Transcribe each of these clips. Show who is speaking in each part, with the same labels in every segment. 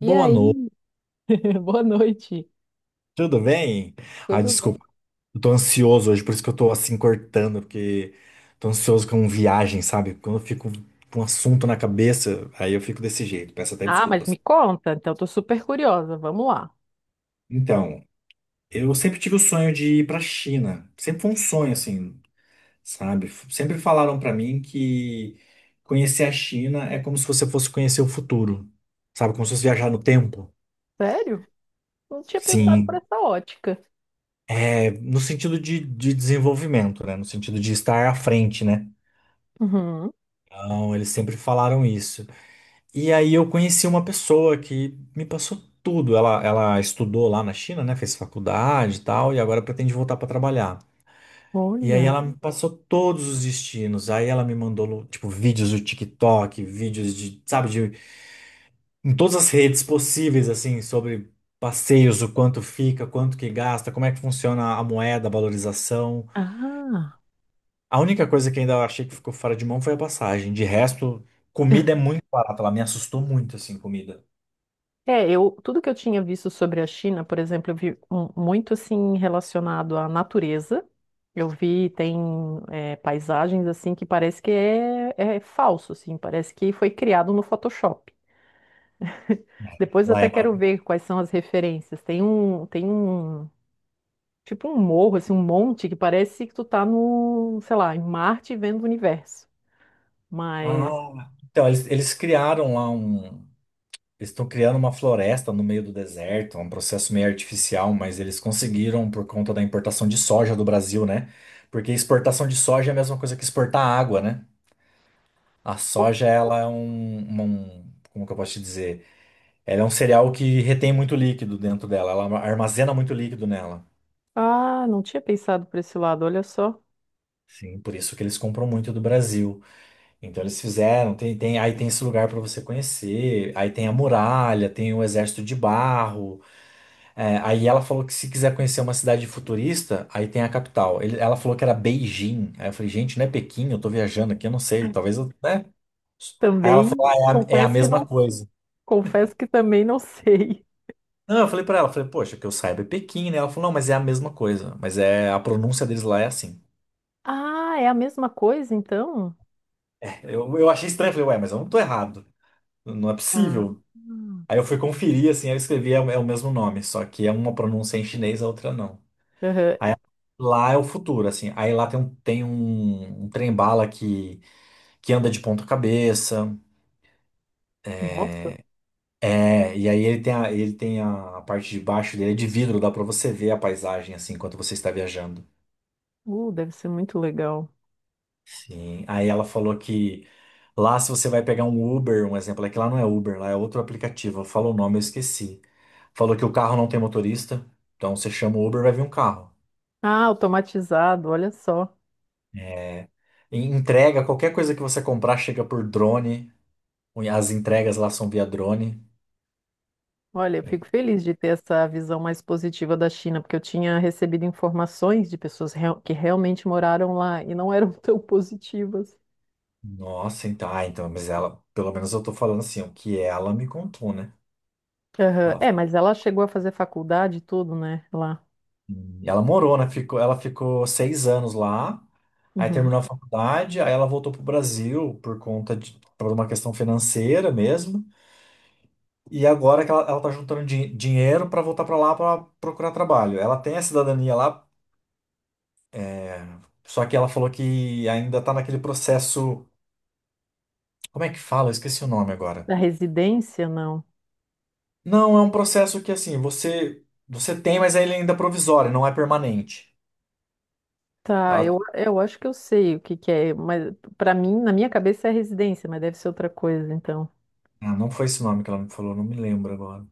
Speaker 1: E
Speaker 2: Boa noite,
Speaker 1: aí? Boa noite.
Speaker 2: tudo bem? Ah,
Speaker 1: Tudo bem?
Speaker 2: desculpa, eu tô ansioso hoje, por isso que eu tô assim cortando, porque tô ansioso com viagem, sabe? Quando eu fico com um assunto na cabeça, aí eu fico desse jeito, peço até
Speaker 1: Ah, mas me
Speaker 2: desculpas.
Speaker 1: conta, então tô super curiosa. Vamos lá.
Speaker 2: Então, eu sempre tive o sonho de ir pra China, sempre foi um sonho assim, sabe? Sempre falaram pra mim que conhecer a China é como se você fosse conhecer o futuro, sabe? Como se fosse viajar no tempo.
Speaker 1: Sério? Não tinha pensado por
Speaker 2: Sim,
Speaker 1: essa ótica.
Speaker 2: é no sentido de desenvolvimento, né? No sentido de estar à frente, né?
Speaker 1: Uhum.
Speaker 2: Não, eles sempre falaram isso. E aí eu conheci uma pessoa que me passou tudo. Ela estudou lá na China, né? Fez faculdade e tal, e agora pretende voltar para trabalhar. E aí
Speaker 1: Olha.
Speaker 2: ela me passou todos os destinos. Aí ela me mandou, tipo, vídeos do TikTok, vídeos de, sabe, de, em todas as redes possíveis, assim, sobre passeios, o quanto fica, quanto que gasta, como é que funciona a moeda, a valorização.
Speaker 1: Ah.
Speaker 2: A única coisa que ainda eu achei que ficou fora de mão foi a passagem. De resto, comida é muito barata. Ela me assustou muito, assim, comida.
Speaker 1: É, eu, tudo que eu tinha visto sobre a China, por exemplo, eu vi muito assim relacionado à natureza. Eu vi, tem paisagens assim que parece que é falso, assim, parece que foi criado no Photoshop. Depois eu
Speaker 2: Lá
Speaker 1: até
Speaker 2: é
Speaker 1: quero
Speaker 2: maravilhoso.
Speaker 1: ver quais são as referências. Tem um Tipo um morro, assim, um monte que parece que tu tá no, sei lá, em Marte vendo o universo. Mas,
Speaker 2: Ah, então, eles criaram lá um. Eles estão criando uma floresta no meio do deserto, um processo meio artificial, mas eles conseguiram por conta da importação de soja do Brasil, né? Porque exportação de soja é a mesma coisa que exportar água, né? A soja, ela é como que eu posso te dizer? Ela é um cereal que retém muito líquido dentro dela, ela armazena muito líquido nela.
Speaker 1: ah, não tinha pensado por esse lado, olha só.
Speaker 2: Sim, por isso que eles compram muito do Brasil. Então eles fizeram, aí tem esse lugar para você conhecer, aí tem a muralha, tem o exército de barro. É, aí ela falou que se quiser conhecer uma cidade futurista, aí tem a capital. Ela falou que era Beijing. Aí eu falei, gente, não é Pequim, eu tô viajando aqui, eu não sei, talvez eu, né? Aí ela
Speaker 1: Também
Speaker 2: falou, ah, é a
Speaker 1: confesso que
Speaker 2: mesma
Speaker 1: não,
Speaker 2: coisa.
Speaker 1: confesso que também não sei.
Speaker 2: Não, eu falei para ela, eu falei, poxa, que eu saiba é Pequim, né? Ela falou, não, mas é a mesma coisa, mas é a pronúncia deles lá é assim.
Speaker 1: Ah, é a mesma coisa então?
Speaker 2: Eu achei estranho, falei, ué, mas eu não tô errado, não é
Speaker 1: Ah,
Speaker 2: possível.
Speaker 1: hum.
Speaker 2: Aí eu fui conferir, assim, eu escrevi é o mesmo nome, só que é uma pronúncia em chinês, a outra não.
Speaker 1: Aham.
Speaker 2: Lá é o futuro, assim. Aí lá um trem-bala que, anda de ponta cabeça.
Speaker 1: Nossa,
Speaker 2: É, e aí a parte de baixo dele é de vidro, dá pra você ver a paisagem, assim, enquanto você está viajando.
Speaker 1: deve ser muito legal.
Speaker 2: Sim. Aí ela falou que lá se você vai pegar um Uber, um exemplo, é que lá não é Uber, lá é outro aplicativo. Falou o nome, eu esqueci. Falou que o carro não tem motorista, então você chama o Uber, vai vir um carro.
Speaker 1: Ah, automatizado, olha só.
Speaker 2: Entrega, qualquer coisa que você comprar chega por drone. As entregas lá são via drone.
Speaker 1: Olha, eu fico feliz de ter essa visão mais positiva da China, porque eu tinha recebido informações de pessoas que realmente moraram lá e não eram tão positivas.
Speaker 2: Nossa, então, ah, então, mas ela, pelo menos eu tô falando assim, o que ela me contou, né?
Speaker 1: Aham.
Speaker 2: Ela,
Speaker 1: É, mas ela chegou a fazer faculdade e tudo, né? Lá.
Speaker 2: ela morou, né? Ela ficou 6 anos lá, aí
Speaker 1: Uhum.
Speaker 2: terminou a faculdade, aí ela voltou pro Brasil por conta de, por uma questão financeira mesmo. E agora que ela tá juntando dinheiro pra voltar pra lá pra procurar trabalho. Ela tem a cidadania lá, só que ela falou que ainda tá naquele processo. Como é que fala? Eu esqueci o nome agora.
Speaker 1: Da residência, não.
Speaker 2: Não, é um processo que assim, você tem, mas ele ainda é provisório, não é permanente.
Speaker 1: Tá,
Speaker 2: Ela
Speaker 1: eu, acho que eu sei o que que é, mas para mim, na minha cabeça é residência, mas deve ser outra coisa, então.
Speaker 2: ah, não foi esse nome que ela me falou, não me lembro agora.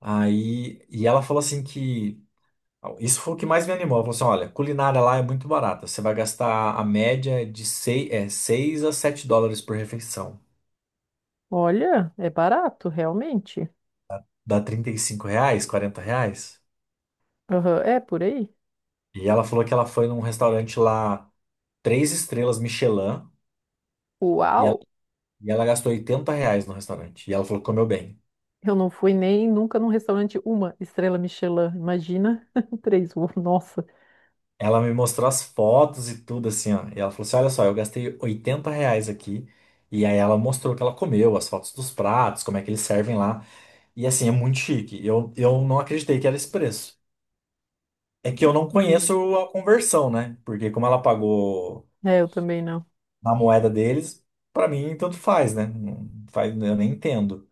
Speaker 2: Aí, e ela falou assim que isso foi o que mais me animou. Ela falou assim, olha, culinária lá é muito barata. Você vai gastar a média de 6, é, 6 a 7 dólares por refeição.
Speaker 1: Olha, é barato, realmente.
Speaker 2: Dá 35 reais, 40 reais.
Speaker 1: Aham. É por aí?
Speaker 2: E ela falou que ela foi num restaurante lá, 3 estrelas Michelin, e ela,
Speaker 1: Uau!
Speaker 2: e ela gastou 80 reais no restaurante. E ela falou que comeu bem.
Speaker 1: Eu não fui nem nunca num restaurante uma estrela Michelin, imagina três, uou, nossa.
Speaker 2: Ela me mostrou as fotos e tudo assim, ó. E ela falou assim: Olha só, eu gastei 80 reais aqui. E aí ela mostrou o que ela comeu, as fotos dos pratos, como é que eles servem lá. E assim, é muito chique. Eu não acreditei que era esse preço. É que
Speaker 1: Que
Speaker 2: eu não
Speaker 1: curioso.
Speaker 2: conheço a conversão, né? Porque como ela pagou
Speaker 1: É, eu também não.
Speaker 2: na moeda deles, pra mim tanto faz, né? Não faz, eu nem entendo.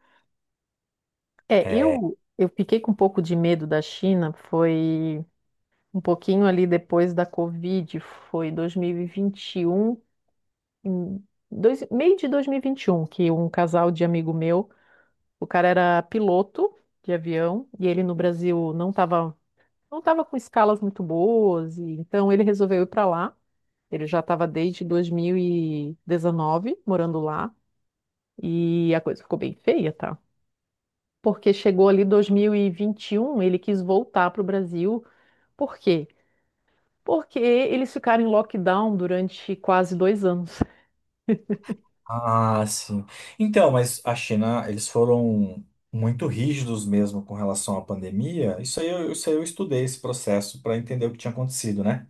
Speaker 1: É, eu fiquei com um pouco de medo da China, foi um pouquinho ali depois da Covid, foi 2021, em meio de 2021, que um casal de amigo meu, o cara era piloto de avião e ele no Brasil não estava com escalas muito boas, e então ele resolveu ir para lá. Ele já estava desde 2019 morando lá e a coisa ficou bem feia, tá? Porque chegou ali 2021, ele quis voltar para o Brasil. Por quê? Porque eles ficaram em lockdown durante quase 2 anos.
Speaker 2: Ah, sim. Então, mas a China, eles foram muito rígidos mesmo com relação à pandemia. Isso aí eu estudei esse processo para entender o que tinha acontecido, né?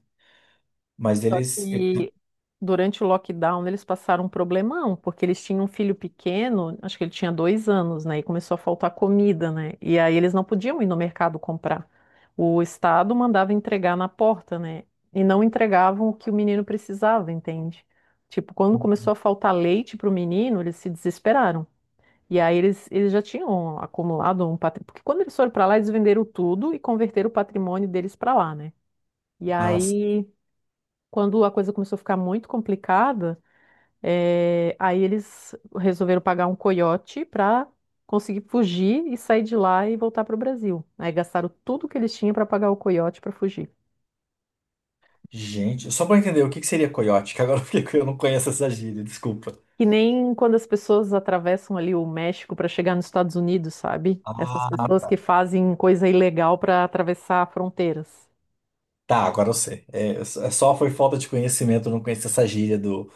Speaker 2: Mas
Speaker 1: Só que durante o lockdown eles passaram um problemão, porque eles tinham um filho pequeno, acho que ele tinha 2 anos, né? E começou a faltar comida, né? E aí eles não podiam ir no mercado comprar. O estado mandava entregar na porta, né? E não entregavam o que o menino precisava, entende? Tipo, quando começou a faltar leite para o menino, eles se desesperaram. E aí eles já tinham acumulado um patrimônio. Porque quando eles foram para lá, eles venderam tudo e converteram o patrimônio deles para lá, né? E
Speaker 2: Ah,
Speaker 1: aí quando a coisa começou a ficar muito complicada, aí eles resolveram pagar um coiote para conseguir fugir e sair de lá e voltar para o Brasil. Aí gastaram tudo que eles tinham para pagar o coiote para fugir.
Speaker 2: gente, só para entender o que que seria coiote, que agora eu não conheço essa gíria, desculpa.
Speaker 1: Que nem quando as pessoas atravessam ali o México para chegar nos Estados Unidos, sabe? Essas
Speaker 2: Ah,
Speaker 1: pessoas
Speaker 2: tá.
Speaker 1: que fazem coisa ilegal para atravessar fronteiras.
Speaker 2: Tá, agora eu sei. É, só foi falta de conhecimento, eu não conhecia essa gíria do,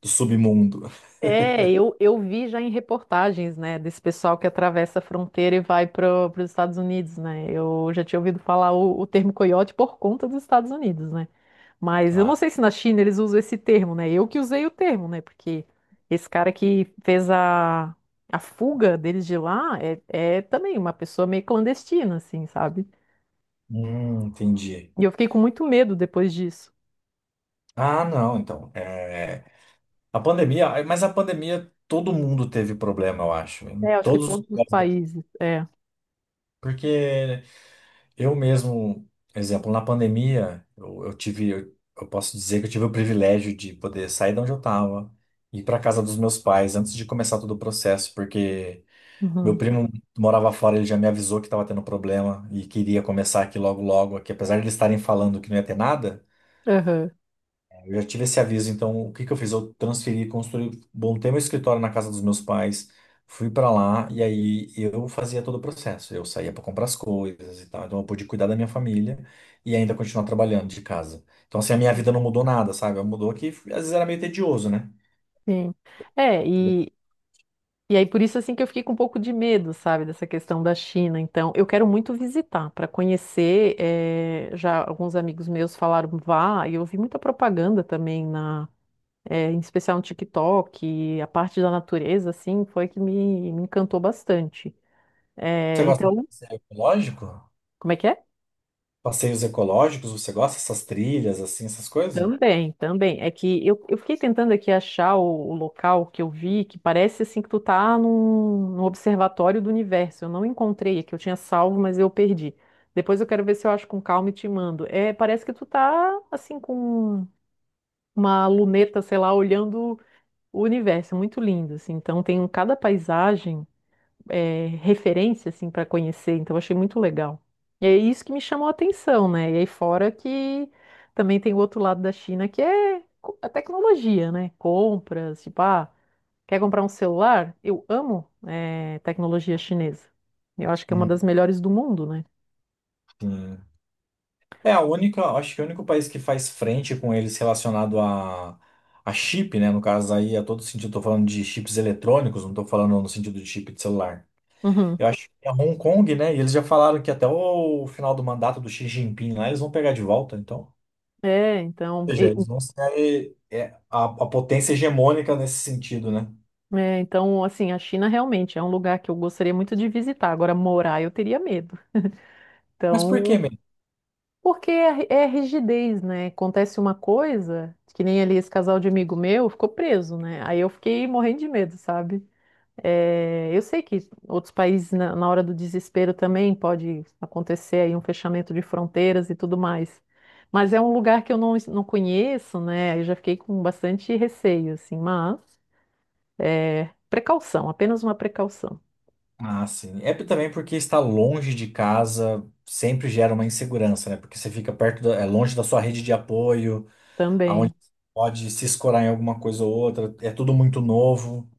Speaker 2: submundo.
Speaker 1: É, eu, vi já em reportagens, né, desse pessoal que atravessa a fronteira e vai para os Estados Unidos, né? Eu já tinha ouvido falar o termo coiote por conta dos Estados Unidos, né? Mas eu não
Speaker 2: Tá.
Speaker 1: sei se na China eles usam esse termo, né? Eu que usei o termo, né? Porque esse cara que fez a fuga deles de lá é também uma pessoa meio clandestina, assim, sabe?
Speaker 2: Entendi.
Speaker 1: E eu fiquei com muito medo depois disso.
Speaker 2: Ah, não, então. A pandemia, mas a pandemia todo mundo teve problema, eu acho, em
Speaker 1: É, acho que
Speaker 2: todos os
Speaker 1: todos os
Speaker 2: lugares do-
Speaker 1: países, é.
Speaker 2: Porque eu mesmo, exemplo, na pandemia, eu tive, eu posso dizer que eu tive o privilégio de poder sair de onde eu estava, ir para casa dos meus pais antes de começar todo o processo, porque meu
Speaker 1: Uhum.
Speaker 2: primo morava fora, ele já me avisou que estava tendo problema e queria começar aqui logo logo, aqui, apesar de eles estarem falando que não ia ter nada.
Speaker 1: Aham.
Speaker 2: Eu já tive esse aviso, então o que que eu fiz? Eu transferi, construí, montei meu escritório na casa dos meus pais, fui pra lá e aí eu fazia todo o processo. Eu saía pra comprar as coisas e tal, então eu pude cuidar da minha família e ainda continuar trabalhando de casa. Então assim, a minha vida não mudou nada, sabe? Mudou que às vezes era meio tedioso, né?
Speaker 1: Sim. É, e aí, por isso, assim, que eu fiquei com um pouco de medo, sabe, dessa questão da China. Então, eu quero muito visitar, para conhecer. Já alguns amigos meus falaram, vá, e eu vi muita propaganda também, em especial no TikTok, e a parte da natureza, assim, foi que me encantou bastante.
Speaker 2: Você gosta de
Speaker 1: Então,
Speaker 2: passeio ecológico?
Speaker 1: como é que é?
Speaker 2: Passeios ecológicos, você gosta dessas trilhas, assim, essas coisas?
Speaker 1: Também, também. É que eu, fiquei tentando aqui achar o local que eu vi, que parece assim que tu tá num observatório do universo. Eu não encontrei aqui, eu tinha salvo, mas eu perdi. Depois eu quero ver se eu acho com calma e te mando. É, parece que tu tá assim com uma luneta, sei lá, olhando o universo. É muito lindo, assim. Então tem cada paisagem referência assim para conhecer, então eu achei muito legal. E é isso que me chamou a atenção, né? E aí fora que também tem o outro lado da China que é a tecnologia, né? Compras, tipo, ah, quer comprar um celular? Eu amo tecnologia chinesa. Eu acho que é uma
Speaker 2: Hum,
Speaker 1: das melhores do mundo, né?
Speaker 2: sim. É a única, acho que o único país que faz frente com eles relacionado a chip, né? No caso aí, a todo sentido, estou falando de chips eletrônicos, não estou falando no sentido de chip de celular.
Speaker 1: Uhum.
Speaker 2: Eu acho que é Hong Kong, né? E eles já falaram que até o final do mandato do Xi Jinping lá, eles vão pegar de volta, então.
Speaker 1: É, então,
Speaker 2: Ou seja, eles vão ser a potência hegemônica nesse sentido, né?
Speaker 1: assim, a China realmente é um lugar que eu gostaria muito de visitar. Agora, morar, eu teria medo.
Speaker 2: Mas por que
Speaker 1: Então,
Speaker 2: mesmo?
Speaker 1: porque é rigidez, né? Acontece uma coisa, que nem ali esse casal de amigo meu ficou preso, né? Aí eu fiquei morrendo de medo, sabe? É, eu sei que outros países, na hora do desespero, também pode acontecer aí um fechamento de fronteiras e tudo mais. Mas é um lugar que eu não, não conheço, né? Aí eu já fiquei com bastante receio, assim, mas precaução, apenas uma precaução
Speaker 2: Ah, sim. Também porque estar longe de casa sempre gera uma insegurança, né? Porque você fica perto da, é longe da sua rede de apoio.
Speaker 1: também.
Speaker 2: Aonde pode se escorar em alguma coisa ou outra, é tudo muito novo.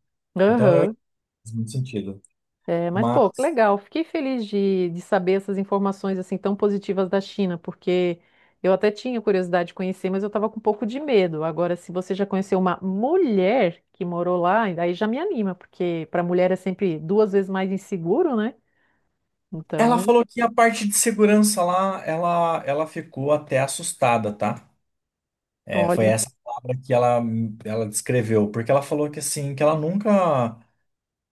Speaker 2: Então eu
Speaker 1: Aham.
Speaker 2: entendo muito sentido.
Speaker 1: É, mas, pô,
Speaker 2: Mas
Speaker 1: que legal. Fiquei feliz de saber essas informações assim tão positivas da China, porque eu até tinha curiosidade de conhecer, mas eu estava com um pouco de medo. Agora, se você já conheceu uma mulher que morou lá, aí já me anima, porque para mulher é sempre duas vezes mais inseguro, né?
Speaker 2: ela
Speaker 1: Então,
Speaker 2: falou que a parte de segurança lá, ela ficou até assustada, tá? É, foi
Speaker 1: olha.
Speaker 2: essa palavra que ela descreveu, porque ela falou que assim, que ela nunca,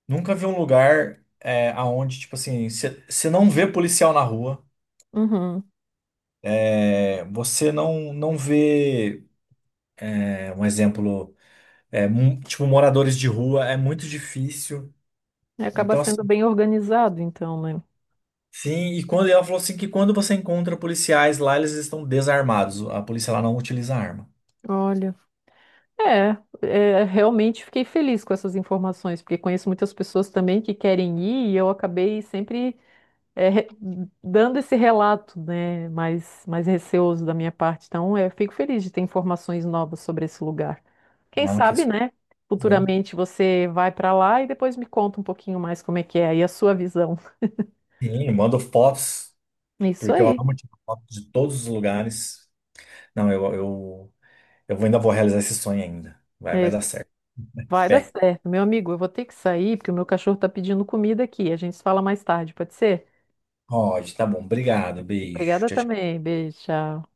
Speaker 2: nunca viu um lugar aonde, tipo assim, você não vê policial na rua,
Speaker 1: Uhum.
Speaker 2: você não vê, um exemplo, tipo, moradores de rua, é muito difícil.
Speaker 1: É, acaba
Speaker 2: Então,
Speaker 1: sendo
Speaker 2: assim,
Speaker 1: bem organizado, então, né?
Speaker 2: sim, e quando ela falou assim que quando você encontra policiais lá, eles estão desarmados. A polícia lá não utiliza arma.
Speaker 1: Olha. Realmente fiquei feliz com essas informações, porque conheço muitas pessoas também que querem ir e eu acabei sempre é, re- dando esse relato, né, mais, receoso da minha parte. Então, eu fico feliz de ter informações novas sobre esse lugar. Quem
Speaker 2: Não, que
Speaker 1: sabe,
Speaker 2: isso.
Speaker 1: né? Futuramente você vai para lá e depois me conta um pouquinho mais como é que é e a sua visão.
Speaker 2: Sim, eu mando fotos,
Speaker 1: Isso
Speaker 2: porque eu
Speaker 1: aí.
Speaker 2: amo tirar fotos de todos os lugares. Não, ainda vou realizar esse sonho ainda. Vai,
Speaker 1: É
Speaker 2: vai dar
Speaker 1: isso.
Speaker 2: certo.
Speaker 1: Vai dar
Speaker 2: Fé.
Speaker 1: certo. Meu amigo, eu vou ter que sair porque o meu cachorro está pedindo comida aqui. A gente se fala mais tarde, pode ser?
Speaker 2: Pode, tá bom. Obrigado. Beijo.
Speaker 1: Obrigada
Speaker 2: Tchau, tchau.
Speaker 1: também. Beijo, tchau.